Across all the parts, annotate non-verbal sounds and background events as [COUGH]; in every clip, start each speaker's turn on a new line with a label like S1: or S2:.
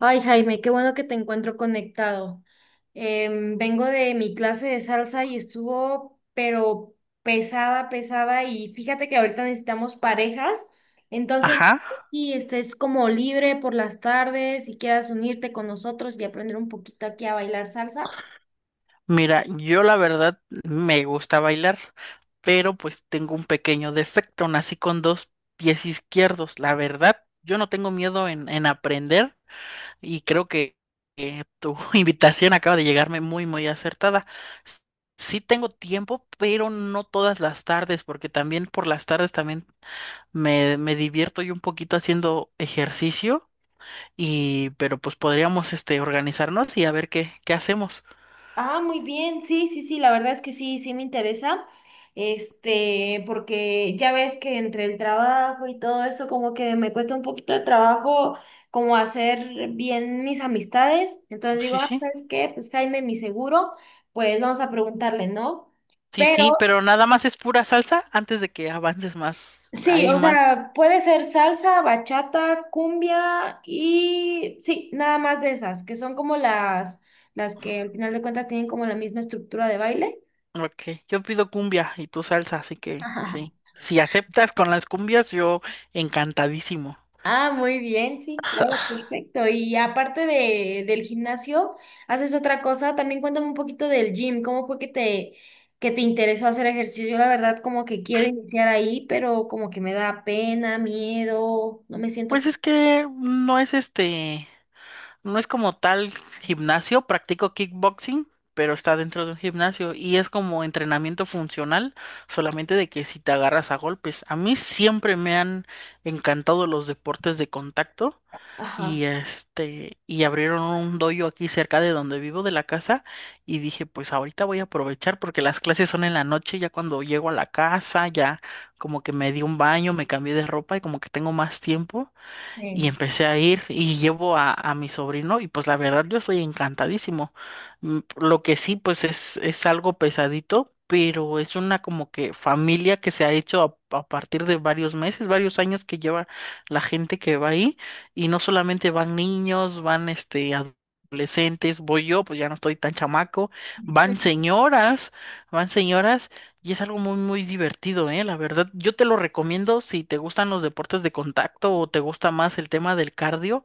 S1: Ay, Jaime, qué bueno que te encuentro conectado. Vengo de mi clase de salsa y estuvo, pero pesada, pesada. Y fíjate que ahorita necesitamos parejas. Entonces,
S2: Ajá,
S1: si estés como libre por las tardes y quieras unirte con nosotros y aprender un poquito aquí a bailar salsa.
S2: mira, yo la verdad me gusta bailar, pero pues tengo un pequeño defecto, nací con dos pies izquierdos. La verdad, yo no tengo miedo en aprender y creo que tu [LAUGHS] invitación acaba de llegarme muy, muy acertada. Sí tengo tiempo, pero no todas las tardes, porque también por las tardes también me divierto yo un poquito haciendo ejercicio pero pues podríamos organizarnos y a ver qué hacemos.
S1: Ah, muy bien, sí, sí, sí, la verdad es que sí, sí me interesa, este, porque ya ves que entre el trabajo y todo eso como que me cuesta un poquito de trabajo como hacer bien mis amistades, entonces digo,
S2: Sí,
S1: ah,
S2: sí.
S1: ¿sabes qué? Pues Jaime, mi seguro, pues vamos a preguntarle, ¿no?
S2: Sí,
S1: Pero
S2: sí, pero nada más es pura salsa antes de que avances más.
S1: sí,
S2: Hay
S1: o
S2: más.
S1: sea, puede ser salsa, bachata, cumbia y sí, nada más de esas, que son como las que al final de cuentas tienen como la misma estructura de baile.
S2: Ok, yo pido cumbia y tú salsa, así que sí.
S1: [LAUGHS]
S2: Si aceptas con las cumbias, yo encantadísimo.
S1: Ah, muy bien, sí, claro, perfecto. Y aparte del gimnasio, ¿haces otra cosa? También cuéntame un poquito del gym. ¿Cómo fue que que te interesó hacer ejercicio? Yo la verdad como que quiero iniciar ahí, pero como que me da pena, miedo, no me siento...
S2: Pues es que no es no es como tal gimnasio, practico kickboxing, pero está dentro de un gimnasio y es como entrenamiento funcional, solamente de que si te agarras a golpes. A mí siempre me han encantado los deportes de contacto.
S1: Ajá.
S2: Y y abrieron un dojo aquí cerca de donde vivo de la casa y dije, pues ahorita voy a aprovechar porque las clases son en la noche, ya cuando llego a la casa, ya como que me di un baño, me cambié de ropa y como que tengo más tiempo y
S1: Sí.
S2: empecé a ir y llevo a mi sobrino y pues la verdad yo estoy encantadísimo. Lo que sí pues es algo pesadito, pero es una como que familia que se ha hecho a partir de varios meses, varios años que lleva la gente que va ahí y no solamente van niños, van adolescentes, voy yo, pues ya no estoy tan chamaco, van
S1: [LAUGHS]
S2: señoras, van señoras y es algo muy, muy divertido, ¿eh? La verdad, yo te lo recomiendo si te gustan los deportes de contacto o te gusta más el tema del cardio,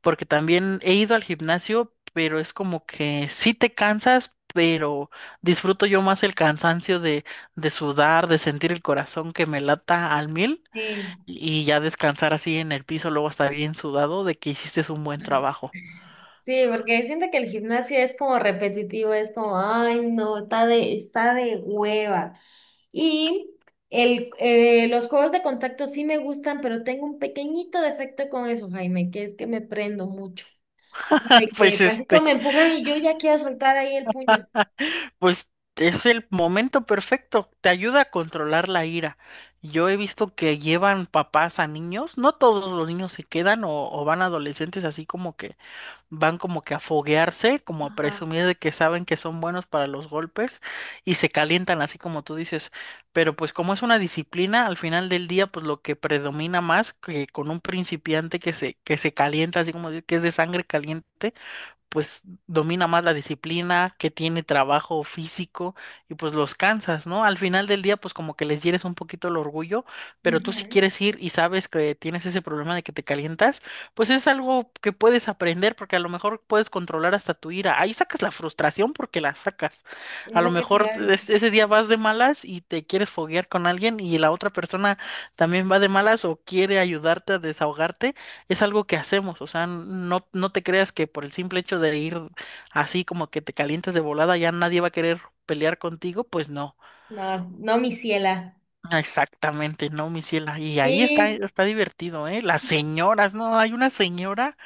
S2: porque también he ido al gimnasio, pero es como que sí te cansas, pero disfruto yo más el cansancio de sudar, de sentir el corazón que me lata al mil
S1: Sí.
S2: y ya descansar así en el piso, luego estar bien sudado de que hiciste un buen
S1: Ajá.
S2: trabajo.
S1: Sí, porque siento que el gimnasio es como repetitivo, es como, ay, no, está de hueva. Y los juegos de contacto sí me gustan, pero tengo un pequeñito defecto con eso, Jaime, que es que me prendo mucho. De
S2: [LAUGHS]
S1: que
S2: Pues
S1: tantito me empujan y yo ya quiero soltar ahí el puño.
S2: Pues es el momento perfecto, te ayuda a controlar la ira. Yo he visto que llevan papás a niños, no todos los niños se quedan o van adolescentes así como que van como que a foguearse, como a
S1: Ajá.
S2: presumir de que saben que son buenos para los golpes y se calientan así como tú dices. Pero pues como es una disciplina, al final del día pues lo que predomina más que con un principiante que se calienta así que es de sangre caliente pues domina más la disciplina, que tiene trabajo físico y pues los cansas, ¿no? Al final del día pues como que les hieres un poquito el orgullo, pero tú si
S1: Ujú.
S2: quieres ir y sabes que tienes ese problema de que te calientas, pues es algo que puedes aprender porque a lo mejor puedes controlar hasta tu ira. Ahí sacas la frustración porque la sacas.
S1: Es
S2: A lo
S1: lo que te
S2: mejor
S1: iba a decir.
S2: ese día vas de malas y te quieres foguear con alguien y la otra persona también va de malas o quiere ayudarte a desahogarte, es algo que hacemos, o sea, no, no te creas que por el simple hecho de ir así como que te calientes de volada ya nadie va a querer pelear contigo, pues no,
S1: No, no, mi ciela.
S2: exactamente, no, mi ciela, y ahí está,
S1: Sí.
S2: está divertido, ¿eh? Las señoras, no, hay una señora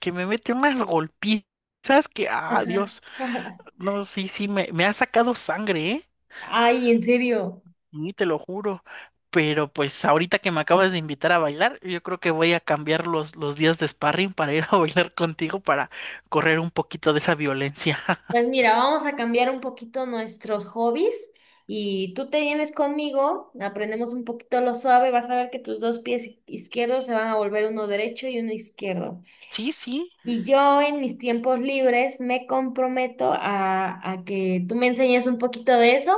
S2: que me mete unas golpizas que, ah,
S1: Ajá.
S2: Dios,
S1: [LAUGHS]
S2: no, sí, sí, me ha sacado sangre, ¿eh?
S1: Ay, en serio.
S2: Y te lo juro. Pero pues ahorita que me acabas de invitar a bailar, yo creo que voy a cambiar los días de sparring para ir a [LAUGHS] bailar contigo para correr un poquito de esa violencia.
S1: Pues mira, vamos a cambiar un poquito nuestros hobbies y tú te vienes conmigo, aprendemos un poquito lo suave, vas a ver que tus dos pies izquierdos se van a volver uno derecho y uno izquierdo.
S2: Sí, sí,
S1: Y yo en mis tiempos libres me comprometo a que tú me enseñes un poquito de eso.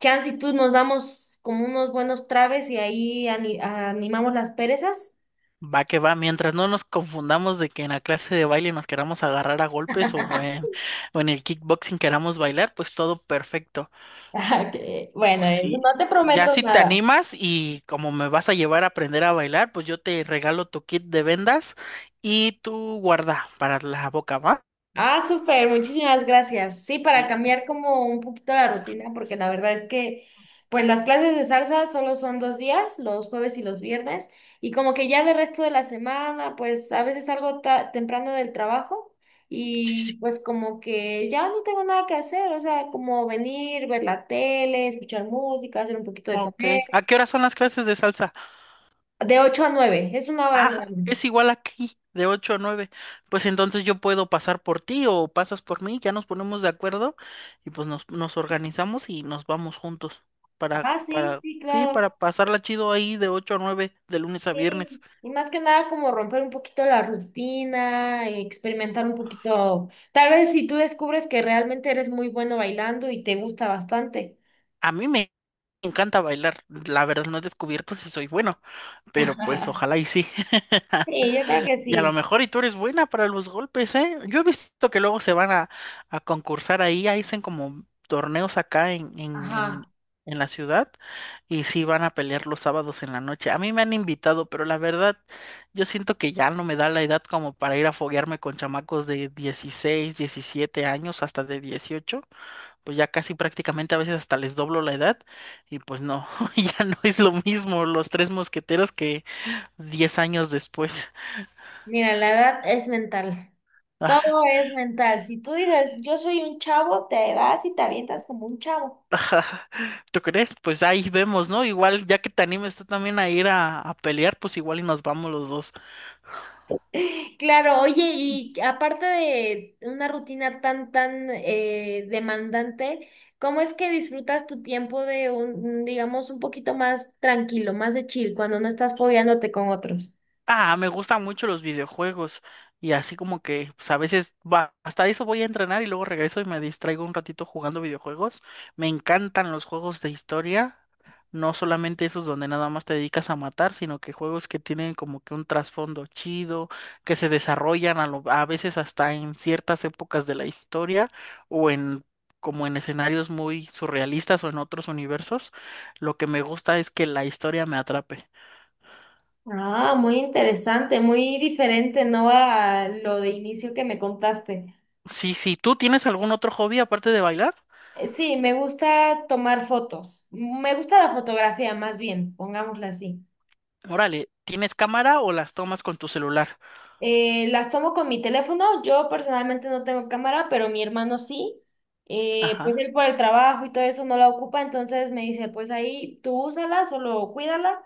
S1: Chance y tú nos damos como unos buenos traves y ahí animamos las perezas.
S2: va que va. Mientras no nos confundamos de que en la clase de baile nos queramos agarrar a golpes o en el kickboxing queramos bailar, pues todo perfecto.
S1: [LAUGHS] Bueno, no
S2: Sí,
S1: te
S2: ya
S1: prometo
S2: si te
S1: nada.
S2: animas y como me vas a llevar a aprender a bailar, pues yo te regalo tu kit de vendas y tu guarda para la boca, ¿va?
S1: Ah, súper, muchísimas gracias. Sí, para
S2: Sí.
S1: cambiar como un poquito la rutina, porque la verdad es que, pues las clases de salsa solo son 2 días, los jueves y los viernes, y como que ya de resto de la semana, pues a veces salgo temprano del trabajo
S2: Sí,
S1: y
S2: sí.
S1: pues como que ya no tengo nada que hacer, o sea, como venir, ver la tele, escuchar música, hacer un poquito de
S2: Ok.
S1: café,
S2: ¿A qué hora son las clases de salsa?
S1: de 8 a 9, es una hora nada
S2: Ah,
S1: más.
S2: es igual aquí, de 8 a 9. Pues entonces yo puedo pasar por ti o pasas por mí, ya nos ponemos de acuerdo y pues nos organizamos y nos vamos juntos
S1: Ah, sí, sí,
S2: sí,
S1: claro.
S2: para pasarla chido ahí de 8 a 9, de lunes a viernes.
S1: Sí, y más que nada como romper un poquito la rutina, experimentar un poquito. Tal vez si tú descubres que realmente eres muy bueno bailando y te gusta bastante.
S2: A mí me encanta bailar, la verdad no he descubierto si soy bueno,
S1: [LAUGHS]
S2: pero pues
S1: Ajá.
S2: ojalá y sí.
S1: Sí, yo creo que
S2: Y a lo
S1: sí.
S2: mejor y tú eres buena para los golpes, ¿eh? Yo he visto que luego se van a concursar ahí, ahí hacen como torneos acá
S1: Ajá.
S2: en la ciudad y sí van a pelear los sábados en la noche. A mí me han invitado, pero la verdad, yo siento que ya no me da la edad como para ir a foguearme con chamacos de 16 17 años, hasta de 18 pues ya casi prácticamente a veces hasta les doblo la edad y pues no, [LAUGHS] ya no es lo mismo los tres mosqueteros que 10 años después.
S1: Mira, la edad es mental. Todo es mental. Si tú dices, yo soy un chavo, te vas y te avientas como un chavo.
S2: ¿Tú crees? Pues ahí vemos, ¿no? Igual, ya que te animes tú también a ir a pelear, pues igual y nos vamos los dos.
S1: Claro, oye, y aparte de una rutina tan, tan demandante, ¿cómo es que disfrutas tu tiempo de un, digamos, un poquito más tranquilo, más de chill, cuando no estás fogueándote con otros?
S2: Ah, me gustan mucho los videojuegos y así como que pues a veces va, hasta eso voy a entrenar y luego regreso y me distraigo un ratito jugando videojuegos. Me encantan los juegos de historia, no solamente esos donde nada más te dedicas a matar, sino que juegos que tienen como que un trasfondo chido, que se desarrollan a veces hasta en ciertas épocas de la historia o en como en escenarios muy surrealistas o en otros universos. Lo que me gusta es que la historia me atrape.
S1: Ah, muy interesante, muy diferente, ¿no? A lo de inicio que me contaste.
S2: Sí, sí, ¿tú tienes algún otro hobby aparte de bailar?
S1: Sí, me gusta tomar fotos. Me gusta la fotografía, más bien, pongámosla así.
S2: Órale, ¿tienes cámara o las tomas con tu celular?
S1: Las tomo con mi teléfono. Yo personalmente no tengo cámara, pero mi hermano sí. Pues
S2: Ajá.
S1: él por el trabajo y todo eso no la ocupa, entonces me dice, pues ahí tú úsala, solo cuídala.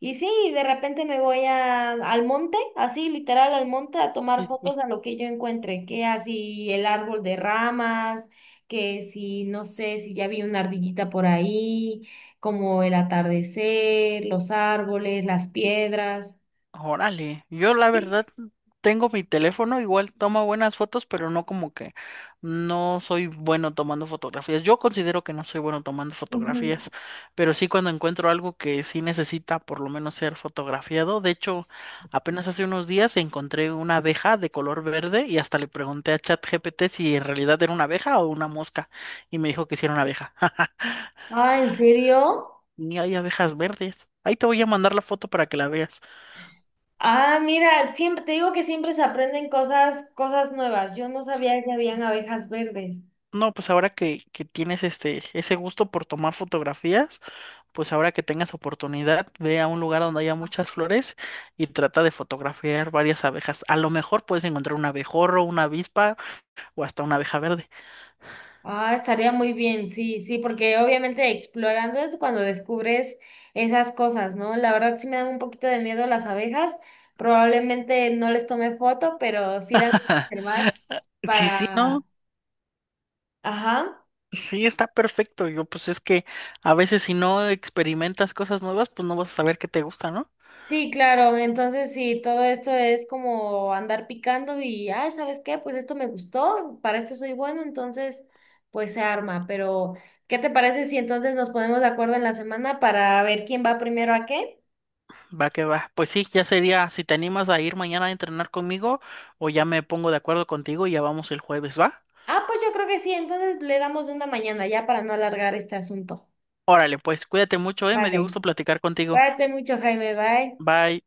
S1: Y sí, de repente me voy al monte, así literal al monte, a tomar
S2: Sí, sí.
S1: fotos a lo que yo encuentre, que así el árbol de ramas, que si no sé si ya vi una ardillita por ahí, como el atardecer, los árboles, las piedras.
S2: Órale, yo la
S1: Sí.
S2: verdad tengo mi teléfono, igual toma buenas fotos, pero no como que no soy bueno tomando fotografías. Yo considero que no soy bueno tomando
S1: Ujú.
S2: fotografías, pero sí cuando encuentro algo que sí necesita por lo menos ser fotografiado. De hecho, apenas hace unos días encontré una abeja de color verde y hasta le pregunté a ChatGPT si en realidad era una abeja o una mosca y me dijo que sí era una abeja. [LAUGHS]
S1: Ah, ¿en serio?
S2: Ni hay abejas verdes. Ahí te voy a mandar la foto para que la veas.
S1: Ah, mira, siempre te digo que siempre se aprenden cosas, cosas nuevas. Yo no sabía que habían abejas verdes.
S2: No, pues ahora que tienes ese gusto por tomar fotografías, pues ahora que tengas oportunidad, ve a un lugar donde haya muchas flores y trata de fotografiar varias abejas. A lo mejor puedes encontrar un abejorro, una avispa o hasta una abeja verde.
S1: Ah, estaría muy bien, sí, sí, porque obviamente explorando es cuando descubres esas cosas, ¿no? La verdad sí me dan un poquito de miedo las abejas. Probablemente no les tome foto, pero sí las voy a observar
S2: Sí, sí, no,
S1: para, ajá.
S2: sí, está perfecto. Yo, pues es que a veces si no experimentas cosas nuevas, pues no vas a saber qué te gusta, ¿no?
S1: Sí, claro, entonces sí, todo esto es como andar picando y, ay, ¿sabes qué? Pues esto me gustó, para esto soy bueno, entonces pues se arma, pero ¿qué te parece si entonces nos ponemos de acuerdo en la semana para ver quién va primero a qué?
S2: Va que va. Pues sí, ya sería, si te animas a ir mañana a entrenar conmigo o ya me pongo de acuerdo contigo y ya vamos el jueves, ¿va?
S1: Ah, pues yo creo que sí, entonces le damos de una mañana ya para no alargar este asunto.
S2: Órale, pues cuídate mucho, eh. Me dio
S1: Vale,
S2: gusto platicar contigo.
S1: cuídate mucho, Jaime, bye.
S2: Bye.